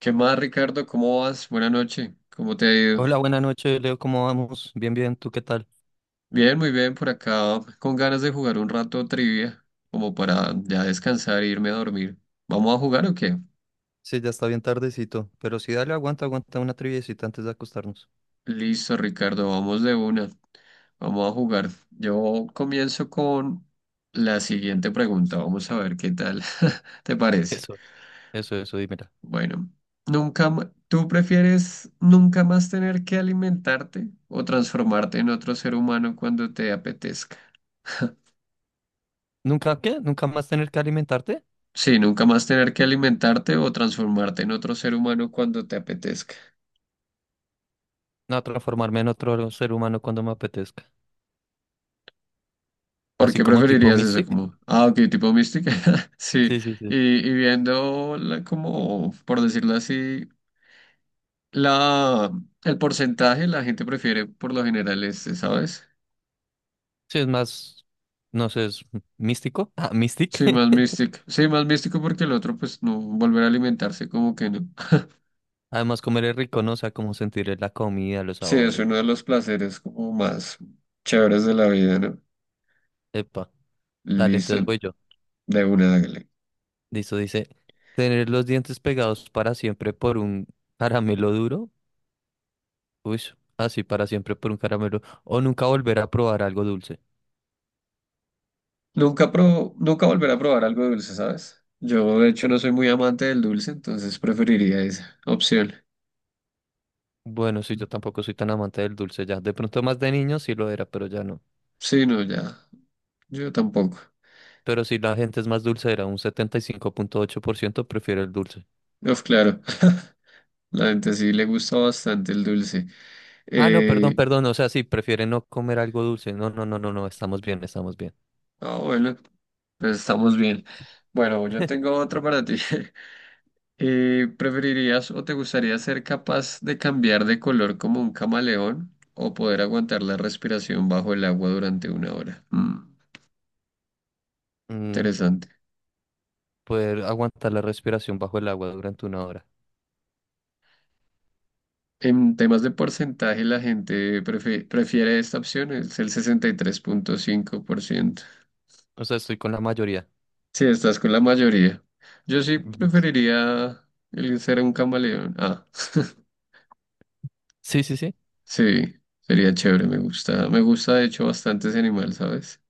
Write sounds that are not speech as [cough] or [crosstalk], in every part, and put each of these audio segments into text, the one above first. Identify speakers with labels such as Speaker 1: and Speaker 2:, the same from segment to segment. Speaker 1: ¿Qué más, Ricardo? ¿Cómo vas? Buenas noches. ¿Cómo te ha ido?
Speaker 2: Hola, buenas noches, Leo, ¿cómo vamos? Bien, bien, ¿tú qué tal?
Speaker 1: Bien, muy bien por acá, con ganas de jugar un rato trivia, como para ya descansar e irme a dormir. ¿Vamos a jugar o qué?
Speaker 2: Sí, ya está bien tardecito, pero sí, dale, aguanta, aguanta una triviecita antes de acostarnos.
Speaker 1: Listo, Ricardo, vamos de una. Vamos a jugar. Yo comienzo con la siguiente pregunta. Vamos a ver qué tal [laughs] te parece.
Speaker 2: Eso, eso, dímela.
Speaker 1: Bueno, nunca, ma- ¿tú prefieres nunca más tener que alimentarte o transformarte en otro ser humano cuando te apetezca?
Speaker 2: ¿Nunca qué? ¿Nunca más tener que alimentarte?
Speaker 1: Sí, nunca más tener que alimentarte o transformarte en otro ser humano cuando te apetezca.
Speaker 2: No, transformarme en otro ser humano cuando me apetezca.
Speaker 1: ¿Por
Speaker 2: Así
Speaker 1: qué
Speaker 2: como tipo
Speaker 1: preferirías eso?
Speaker 2: Mystic.
Speaker 1: Como, ah, ok, tipo mística. [laughs] Sí,
Speaker 2: Sí, sí, sí.
Speaker 1: y, y viendo como, por decirlo así, la, el porcentaje la gente prefiere por lo general este, ¿sabes?
Speaker 2: Sí, es más, no sé, es místico. Ah, Mystic.
Speaker 1: Sí, más
Speaker 2: [laughs]
Speaker 1: místico. Sí, más místico porque el otro, pues no, volver a alimentarse como que no.
Speaker 2: Además, comer es rico, ¿no? O sea, como sentir la comida, los
Speaker 1: [laughs] Sí, es
Speaker 2: sabores.
Speaker 1: uno de los placeres como más chéveres de la vida, ¿no?
Speaker 2: Epa, dale,
Speaker 1: Listo,
Speaker 2: entonces voy yo.
Speaker 1: de una, hágale.
Speaker 2: Listo, dice, tener los dientes pegados para siempre por un caramelo duro. Uy, así para siempre por un caramelo. O nunca volver a probar algo dulce.
Speaker 1: Nunca volveré a probar algo dulce, ¿sabes? Yo, de hecho, no soy muy amante del dulce, entonces preferiría esa opción.
Speaker 2: Bueno, sí, yo tampoco soy tan amante del dulce ya. De pronto más de niño sí lo era, pero ya no.
Speaker 1: Sí, no, ya. Yo tampoco.
Speaker 2: Pero si la gente es más dulce, era un 75,8% prefiere el dulce.
Speaker 1: Uf, claro. [laughs] La gente sí le gusta bastante el dulce.
Speaker 2: Ah, no, perdón,
Speaker 1: Eh,
Speaker 2: perdón. O sea, sí, prefiere no comer algo dulce. No, no, no, no, no, estamos bien, estamos bien.
Speaker 1: ah, bueno, pues estamos bien. Bueno, yo tengo
Speaker 2: [laughs]
Speaker 1: otro para ti. [laughs] ¿Preferirías o te gustaría ser capaz de cambiar de color como un camaleón o poder aguantar la respiración bajo el agua durante una hora?
Speaker 2: Mm,
Speaker 1: Interesante.
Speaker 2: poder aguantar la respiración bajo el agua durante una hora.
Speaker 1: En temas de porcentaje, la gente prefiere esta opción, es el 63.5%.
Speaker 2: O sea, estoy con la mayoría.
Speaker 1: Sí, estás con la mayoría. Yo sí
Speaker 2: Listo.
Speaker 1: preferiría el ser un camaleón. Ah, [laughs]
Speaker 2: Sí, sí, sí.
Speaker 1: sí, sería chévere, me gusta. Me gusta, de hecho, bastante ese animal, ¿sabes?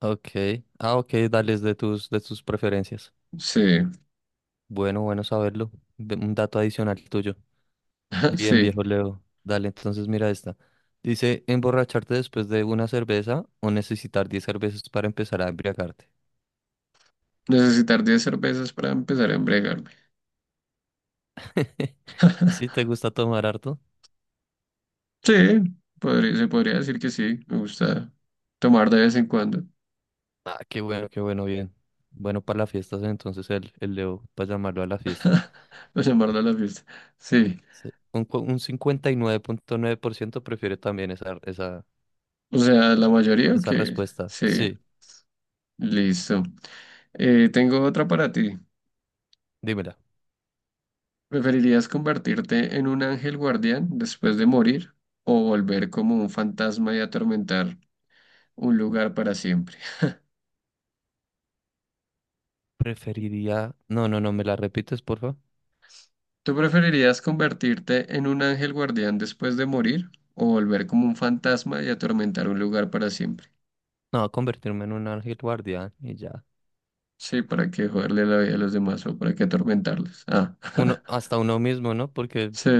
Speaker 2: Ok. Ah, ok, dale es de tus preferencias.
Speaker 1: Sí,
Speaker 2: Bueno, bueno saberlo. Un dato adicional tuyo.
Speaker 1: [laughs]
Speaker 2: Bien,
Speaker 1: sí.
Speaker 2: viejo Leo. Dale, entonces mira esta. Dice, emborracharte después de una cerveza o necesitar 10 cervezas para empezar a embriagarte.
Speaker 1: Necesitar 10 cervezas para empezar a embriagarme.
Speaker 2: [laughs] ¿Sí
Speaker 1: [laughs]
Speaker 2: te gusta tomar harto?
Speaker 1: Sí, podría- se podría decir que sí, me gusta tomar de vez en cuando.
Speaker 2: Ah, qué bueno, bien. Bueno, para las fiestas entonces el Leo, para llamarlo a la fiesta.
Speaker 1: [laughs] O llamarlo a la fiesta. Sí.
Speaker 2: Sí. Un 59,9% prefiere también esa, esa,
Speaker 1: O sea, ¿la mayoría o
Speaker 2: esa
Speaker 1: qué?
Speaker 2: respuesta.
Speaker 1: Sí,
Speaker 2: Sí,
Speaker 1: listo. Tengo otra para ti.
Speaker 2: dímela.
Speaker 1: ¿Preferirías convertirte en un ángel guardián después de morir o volver como un fantasma y atormentar un lugar para siempre?
Speaker 2: Preferiría. No, no, no, ¿me la repites, porfa?
Speaker 1: ¿Tú preferirías convertirte en un ángel guardián después de morir o volver como un fantasma y atormentar un lugar para siempre?
Speaker 2: No, convertirme en un ángel guardián y ya.
Speaker 1: Sí, ¿para qué joderle la vida a los demás o para qué atormentarlos? Ah.
Speaker 2: Uno,
Speaker 1: [laughs]
Speaker 2: hasta uno mismo, ¿no? Porque
Speaker 1: Sí,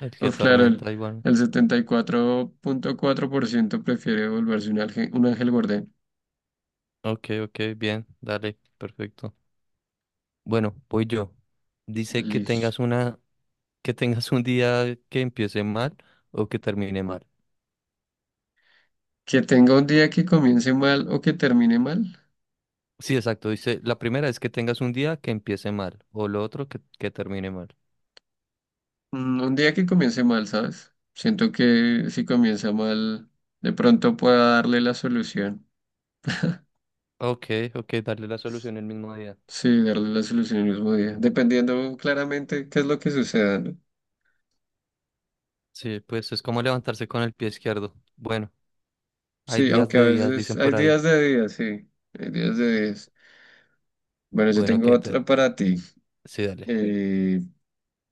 Speaker 2: el que
Speaker 1: pues claro,
Speaker 2: atormenta igual.
Speaker 1: el setenta y cuatro punto cuatro por ciento prefiere volverse un ángel guardián.
Speaker 2: Ok, ok, bien, dale, perfecto. Bueno, voy yo. Dice
Speaker 1: Listo.
Speaker 2: que tengas un día que empiece mal o que termine mal.
Speaker 1: Que tenga un día que comience mal o que termine mal.
Speaker 2: Sí, exacto. Dice, la primera es que tengas un día que empiece mal, o lo otro que termine mal.
Speaker 1: Un día que comience mal, ¿sabes? Siento que si comienza mal, de pronto pueda darle la solución.
Speaker 2: Ok, ok, darle la solución el mismo día.
Speaker 1: Sí, darle la solución el mismo día, dependiendo claramente qué es lo que suceda, ¿no?
Speaker 2: Sí, pues es como levantarse con el pie izquierdo. Bueno. Hay
Speaker 1: Sí,
Speaker 2: días
Speaker 1: aunque a
Speaker 2: de días,
Speaker 1: veces
Speaker 2: dicen
Speaker 1: hay
Speaker 2: por ahí.
Speaker 1: días de días, sí, hay días de días. Bueno, yo
Speaker 2: Bueno,
Speaker 1: tengo
Speaker 2: que te...
Speaker 1: otra para ti.
Speaker 2: Sí, dale.
Speaker 1: Eh,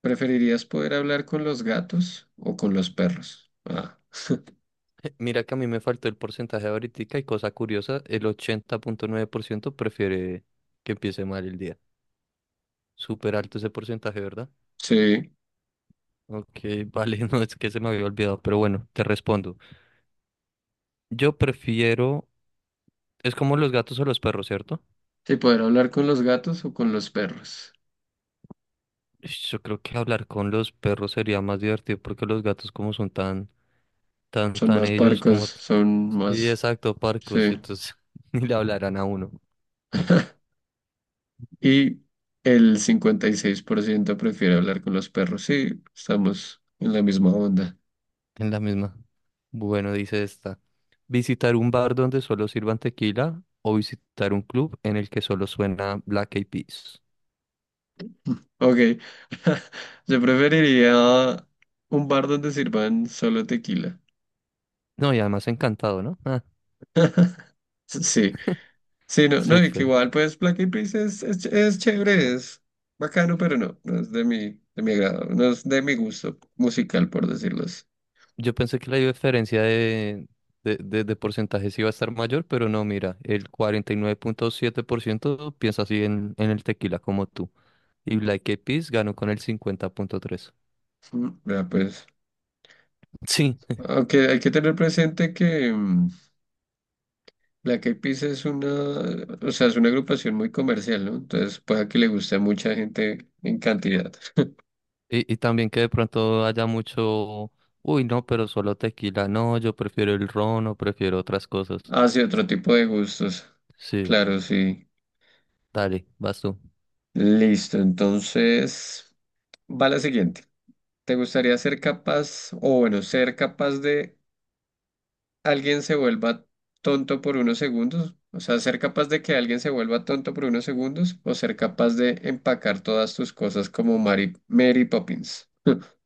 Speaker 1: ¿Preferirías poder hablar con los gatos o con los perros? Ah,
Speaker 2: [laughs] Mira que a mí me faltó el porcentaje ahorita y cosa curiosa, el 80,9% prefiere que empiece mal el día. Súper alto ese porcentaje, ¿verdad?
Speaker 1: sí.
Speaker 2: Ok, vale, [laughs] no es que se me había olvidado, pero bueno, te respondo. Yo prefiero, es como los gatos o los perros, ¿cierto?
Speaker 1: Sí, poder hablar con los gatos o con los perros.
Speaker 2: Ish, yo creo que hablar con los perros sería más divertido porque los gatos como son tan, tan,
Speaker 1: Son
Speaker 2: tan
Speaker 1: más
Speaker 2: ellos
Speaker 1: parcos,
Speaker 2: como...
Speaker 1: son
Speaker 2: Sí,
Speaker 1: más...
Speaker 2: exacto, parcos, y
Speaker 1: Sí.
Speaker 2: entonces [laughs] ni le hablarán a uno.
Speaker 1: Y el 56% prefiere hablar con los perros. Sí, estamos en la misma onda.
Speaker 2: En la misma. Bueno, dice esta. Visitar un bar donde solo sirvan tequila o visitar un club en el que solo suena Black Eyed Peas.
Speaker 1: Ok. [laughs] Yo preferiría un bar donde sirvan solo tequila.
Speaker 2: No, y además encantado, ¿no? Ah,
Speaker 1: Sí, sí, no, no, y que
Speaker 2: súper.
Speaker 1: igual, pues, Black Eyed Peas es chévere, es bacano, pero no, no es de mi agrado, no es de mi gusto musical, por decirlo así.
Speaker 2: Yo pensé que la diferencia de porcentajes iba a estar mayor, pero no, mira, el 49,7% piensa así en el tequila como tú. Y Black Eyed Peas ganó con el 50,3%.
Speaker 1: Ya, pues,
Speaker 2: Sí,
Speaker 1: aunque hay que tener presente que Black Eyed Peas es una, o sea, es una agrupación muy comercial, ¿no? Entonces, puede que le guste a mucha gente en cantidad.
Speaker 2: y también que de pronto haya mucho, uy, no, pero solo tequila, no, yo prefiero el ron o prefiero otras cosas.
Speaker 1: Hace otro tipo de gustos,
Speaker 2: Sí,
Speaker 1: claro, sí.
Speaker 2: dale, vas tú.
Speaker 1: Listo, entonces, va la siguiente. ¿Te gustaría ser capaz, o bueno, ser capaz de alguien se vuelva tonto por unos segundos, o sea, ser capaz de que alguien se vuelva tonto por unos segundos o ser capaz de empacar todas tus cosas como Mary Poppins? [laughs]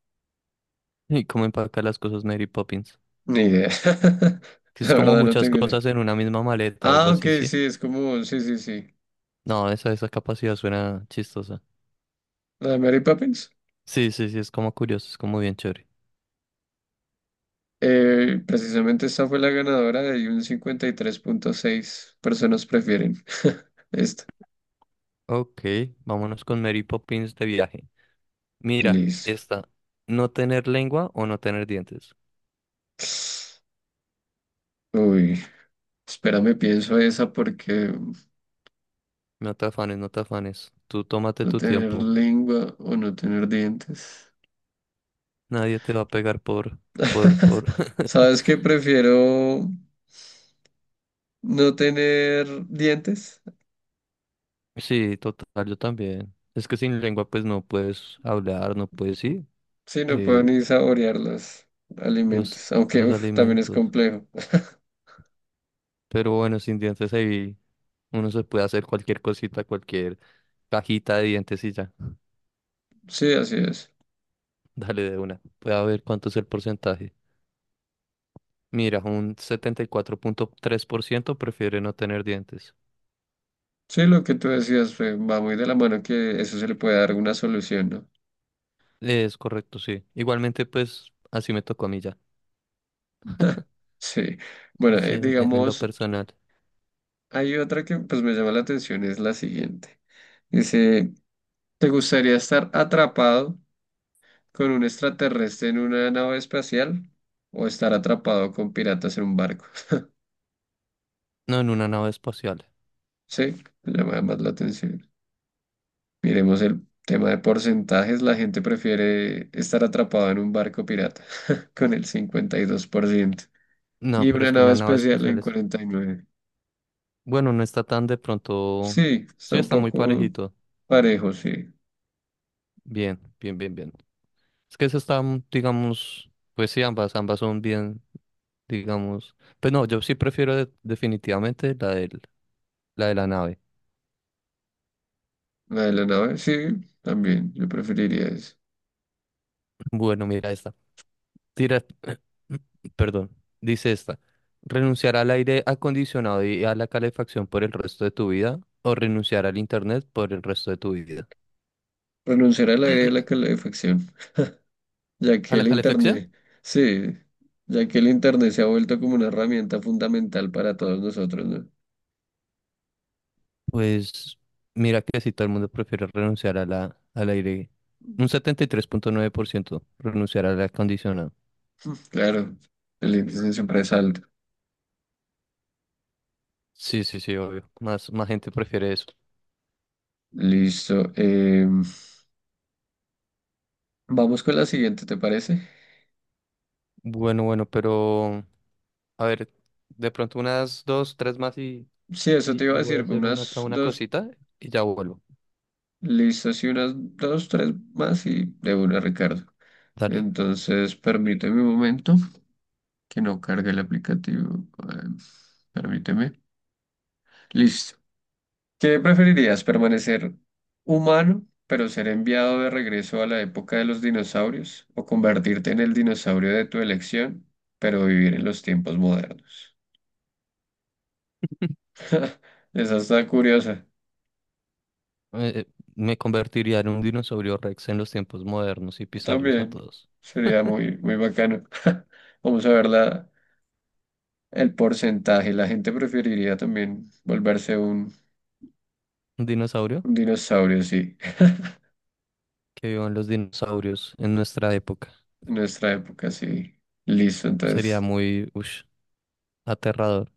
Speaker 2: [laughs] ¿Y cómo empacar las cosas Mary Poppins?
Speaker 1: Ni idea. [laughs]
Speaker 2: Que
Speaker 1: La
Speaker 2: es como
Speaker 1: verdad no
Speaker 2: muchas
Speaker 1: tengo idea.
Speaker 2: cosas en una misma maleta o algo
Speaker 1: Ah, ok,
Speaker 2: así, ¿sí?
Speaker 1: sí, es como, sí, sí, sí.
Speaker 2: No, esa capacidad suena chistosa.
Speaker 1: La de Mary Poppins.
Speaker 2: Sí, sí, sí, es como curioso, es como bien chévere.
Speaker 1: Precisamente esta fue la ganadora de un 53.6 personas prefieren [laughs] esta.
Speaker 2: Ok, vámonos con Mary Poppins de viaje. Mira,
Speaker 1: Listo.
Speaker 2: esta, no tener lengua o no tener dientes.
Speaker 1: Uy, espérame, pienso esa porque...
Speaker 2: No te afanes, no te afanes. Tú tómate
Speaker 1: No
Speaker 2: tu
Speaker 1: tener
Speaker 2: tiempo.
Speaker 1: lengua o no tener dientes.
Speaker 2: Nadie te va a pegar por, por,
Speaker 1: [laughs]
Speaker 2: por. [laughs]
Speaker 1: ¿Sabes qué? Prefiero no tener dientes.
Speaker 2: Sí, total, yo también. Es que sin lengua pues no puedes hablar, no puedes, sí,
Speaker 1: Sí, no puedo
Speaker 2: eh,
Speaker 1: ni saborear los
Speaker 2: los,
Speaker 1: alimentos, aunque
Speaker 2: los
Speaker 1: uf, también es
Speaker 2: alimentos.
Speaker 1: complejo.
Speaker 2: Pero bueno, sin dientes ahí uno se puede hacer cualquier cosita, cualquier cajita de dientes y ya. [laughs]
Speaker 1: Sí, así es.
Speaker 2: Dale de una. Voy a ver cuánto es el porcentaje. Mira, un 74,3% prefiere no tener dientes.
Speaker 1: Sí, lo que tú decías fue, va muy de la mano que eso se le puede dar una solución, ¿no?
Speaker 2: Es correcto, sí. Igualmente pues así me tocó a mí ya,
Speaker 1: [laughs] Sí. Bueno,
Speaker 2: sí, en lo
Speaker 1: digamos,
Speaker 2: personal.
Speaker 1: hay otra que pues me llama la atención, es la siguiente. Dice, ¿te gustaría estar atrapado con un extraterrestre en una nave espacial o estar atrapado con piratas en un barco? [laughs]
Speaker 2: No, en una nave espacial.
Speaker 1: Sí, llama más la atención. Miremos el tema de porcentajes. La gente prefiere estar atrapado en un barco pirata [laughs] con el 52%
Speaker 2: No,
Speaker 1: y
Speaker 2: pero
Speaker 1: una
Speaker 2: es que
Speaker 1: nave
Speaker 2: una nave
Speaker 1: especial
Speaker 2: espacial
Speaker 1: en
Speaker 2: es...
Speaker 1: 49%.
Speaker 2: Bueno, no está tan de pronto...
Speaker 1: Sí,
Speaker 2: Sí,
Speaker 1: está un
Speaker 2: está muy
Speaker 1: poco
Speaker 2: parejito.
Speaker 1: parejo, sí.
Speaker 2: Bien, bien, bien, bien. Es que eso está, digamos... Pues sí, ambas, ambas son bien, digamos... Pero no, yo sí prefiero definitivamente la de la nave.
Speaker 1: La de la nave, sí, también. Yo preferiría eso.
Speaker 2: Bueno, mira esta. Tira... [clears throat] Perdón. Dice esta. ¿Renunciar al aire acondicionado y a la calefacción por el resto de tu vida? ¿O renunciar al internet por el resto de tu vida?
Speaker 1: Renunciar al aire de la calefacción. Ya que
Speaker 2: ¿A la
Speaker 1: el
Speaker 2: calefacción?
Speaker 1: Internet, sí, ya que el Internet se ha vuelto como una herramienta fundamental para todos nosotros, ¿no?
Speaker 2: Pues mira que si todo el mundo prefiere renunciar al aire, un 73,9% renunciar al aire acondicionado.
Speaker 1: Claro, el índice siempre es alto.
Speaker 2: Sí, sí, sí, obvio. Más, más gente prefiere eso.
Speaker 1: Listo. Vamos con la siguiente, ¿te parece?
Speaker 2: Bueno, bueno, pero a ver, de pronto unas dos, tres más y,
Speaker 1: Sí, eso te
Speaker 2: y,
Speaker 1: iba a
Speaker 2: y voy
Speaker 1: decir,
Speaker 2: a hacer acá
Speaker 1: unas
Speaker 2: una
Speaker 1: dos,
Speaker 2: cosita y ya vuelvo.
Speaker 1: listas y unas dos, tres más y de una, Ricardo.
Speaker 2: Dale.
Speaker 1: Entonces, permíteme un momento que no cargue el aplicativo. eh, permíteme. Listo. ¿Qué preferirías, permanecer humano, pero ser enviado de regreso a la época de los dinosaurios, o convertirte en el dinosaurio de tu elección, pero vivir en los tiempos modernos? [laughs] Esa está curiosa.
Speaker 2: Eh, me convertiría en un dinosaurio Rex en los tiempos modernos y pisarlos a
Speaker 1: También
Speaker 2: todos.
Speaker 1: sería muy, muy bacano. [laughs] Vamos a ver el porcentaje. La gente preferiría también volverse un,
Speaker 2: Un dinosaurio
Speaker 1: un dinosaurio, sí.
Speaker 2: que vivan los dinosaurios en nuestra época.
Speaker 1: En nuestra época, sí. Listo,
Speaker 2: Sería
Speaker 1: entonces.
Speaker 2: muy, ush, aterrador.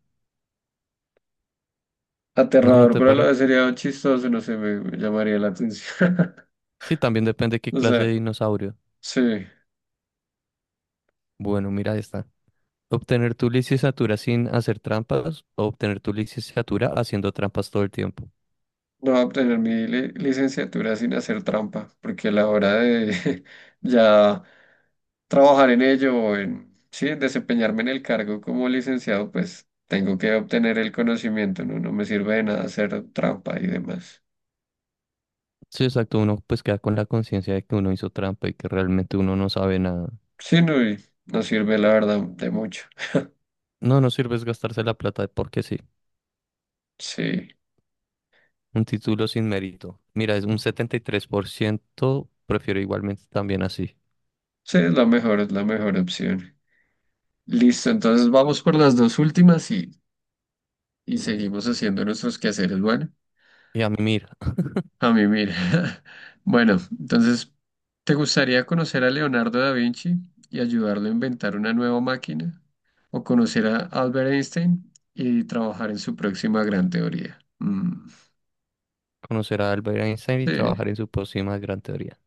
Speaker 2: ¿No, no
Speaker 1: Aterrador,
Speaker 2: te
Speaker 1: pero a la
Speaker 2: parece?
Speaker 1: vez sería chistoso, no sé, me llamaría la atención. [laughs]
Speaker 2: Sí, también depende qué
Speaker 1: O
Speaker 2: clase de
Speaker 1: sea,
Speaker 2: dinosaurio.
Speaker 1: sí, no
Speaker 2: Bueno, mira esta. Obtener tu licenciatura sin hacer trampas o obtener tu licenciatura haciendo trampas todo el tiempo.
Speaker 1: voy a obtener mi licenciatura sin hacer trampa, porque a la hora de [laughs] ya trabajar en ello o en, sí, en desempeñarme en el cargo como licenciado, pues tengo que obtener el conocimiento, ¿no? No me sirve de nada hacer trampa y demás.
Speaker 2: Sí, exacto. Uno pues queda con la conciencia de que uno hizo trampa y que realmente uno no sabe nada.
Speaker 1: Sí, no, y no sirve la verdad de mucho.
Speaker 2: No, no sirve es gastarse la plata porque sí.
Speaker 1: Sí,
Speaker 2: Un título sin mérito. Mira, es un 73%, prefiero igualmente también así.
Speaker 1: sí, es la mejor opción. Listo, entonces vamos por las dos últimas y seguimos haciendo nuestros quehaceres. Bueno,
Speaker 2: Y a mí, mira,
Speaker 1: a mí mira. [laughs] Bueno, entonces, ¿te gustaría conocer a Leonardo da Vinci y ayudarlo a inventar una nueva máquina? ¿O conocer a Albert Einstein y trabajar en su próxima gran teoría?
Speaker 2: conocer a Albert Einstein y
Speaker 1: Sí,
Speaker 2: trabajar en su próxima gran teoría.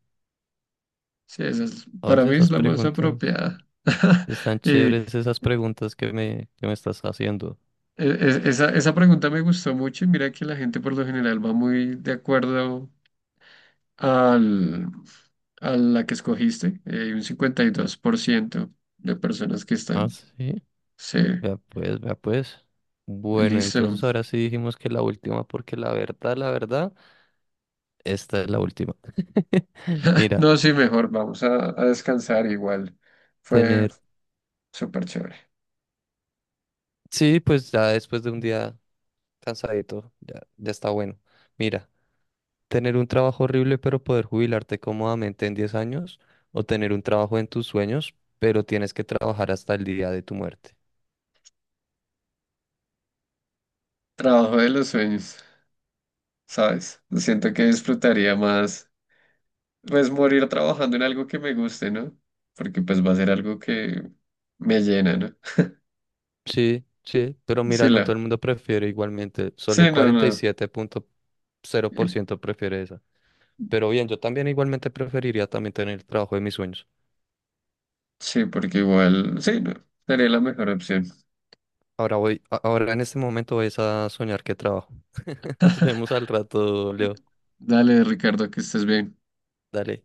Speaker 1: sí, esa para
Speaker 2: Oye,
Speaker 1: mí es
Speaker 2: esas
Speaker 1: la más
Speaker 2: preguntas.
Speaker 1: apropiada. [laughs]
Speaker 2: Están
Speaker 1: Y e-
Speaker 2: chéveres esas preguntas que me estás haciendo.
Speaker 1: e- esa, esa pregunta me gustó mucho y mira que la gente por lo general va muy de acuerdo al, a la que escogiste. Hay un 52% de personas que
Speaker 2: Ah,
Speaker 1: están.
Speaker 2: sí.
Speaker 1: Sí,
Speaker 2: Vea pues, vea pues. Bueno,
Speaker 1: listo.
Speaker 2: entonces ahora sí dijimos que la última, porque la verdad, esta es la última. [laughs] Mira,
Speaker 1: No, sí, mejor vamos a descansar igual. Fue
Speaker 2: tener.
Speaker 1: súper chévere.
Speaker 2: Sí, pues ya después de un día cansadito, ya, ya está bueno. Mira, tener un trabajo horrible, pero poder jubilarte cómodamente en 10 años, o tener un trabajo en tus sueños, pero tienes que trabajar hasta el día de tu muerte.
Speaker 1: Trabajo de los sueños, ¿sabes? Siento que disfrutaría más, pues, morir trabajando en algo que me guste, ¿no? Porque pues va a ser algo que me llena, ¿no?
Speaker 2: Sí, sí, pero
Speaker 1: Sí,
Speaker 2: mira, no todo
Speaker 1: la.
Speaker 2: el mundo prefiere igualmente, solo el
Speaker 1: Sí, no,
Speaker 2: cuarenta y
Speaker 1: no.
Speaker 2: siete punto cero
Speaker 1: Y-
Speaker 2: por ciento prefiere esa. Pero bien, yo también igualmente preferiría también tener el trabajo de mis sueños.
Speaker 1: sí, porque igual, sí, no. Sería la mejor opción.
Speaker 2: Ahora en este momento voy a soñar que trabajo. [laughs] Nos vemos al rato, Leo.
Speaker 1: Dale, Ricardo, que estés bien.
Speaker 2: Dale.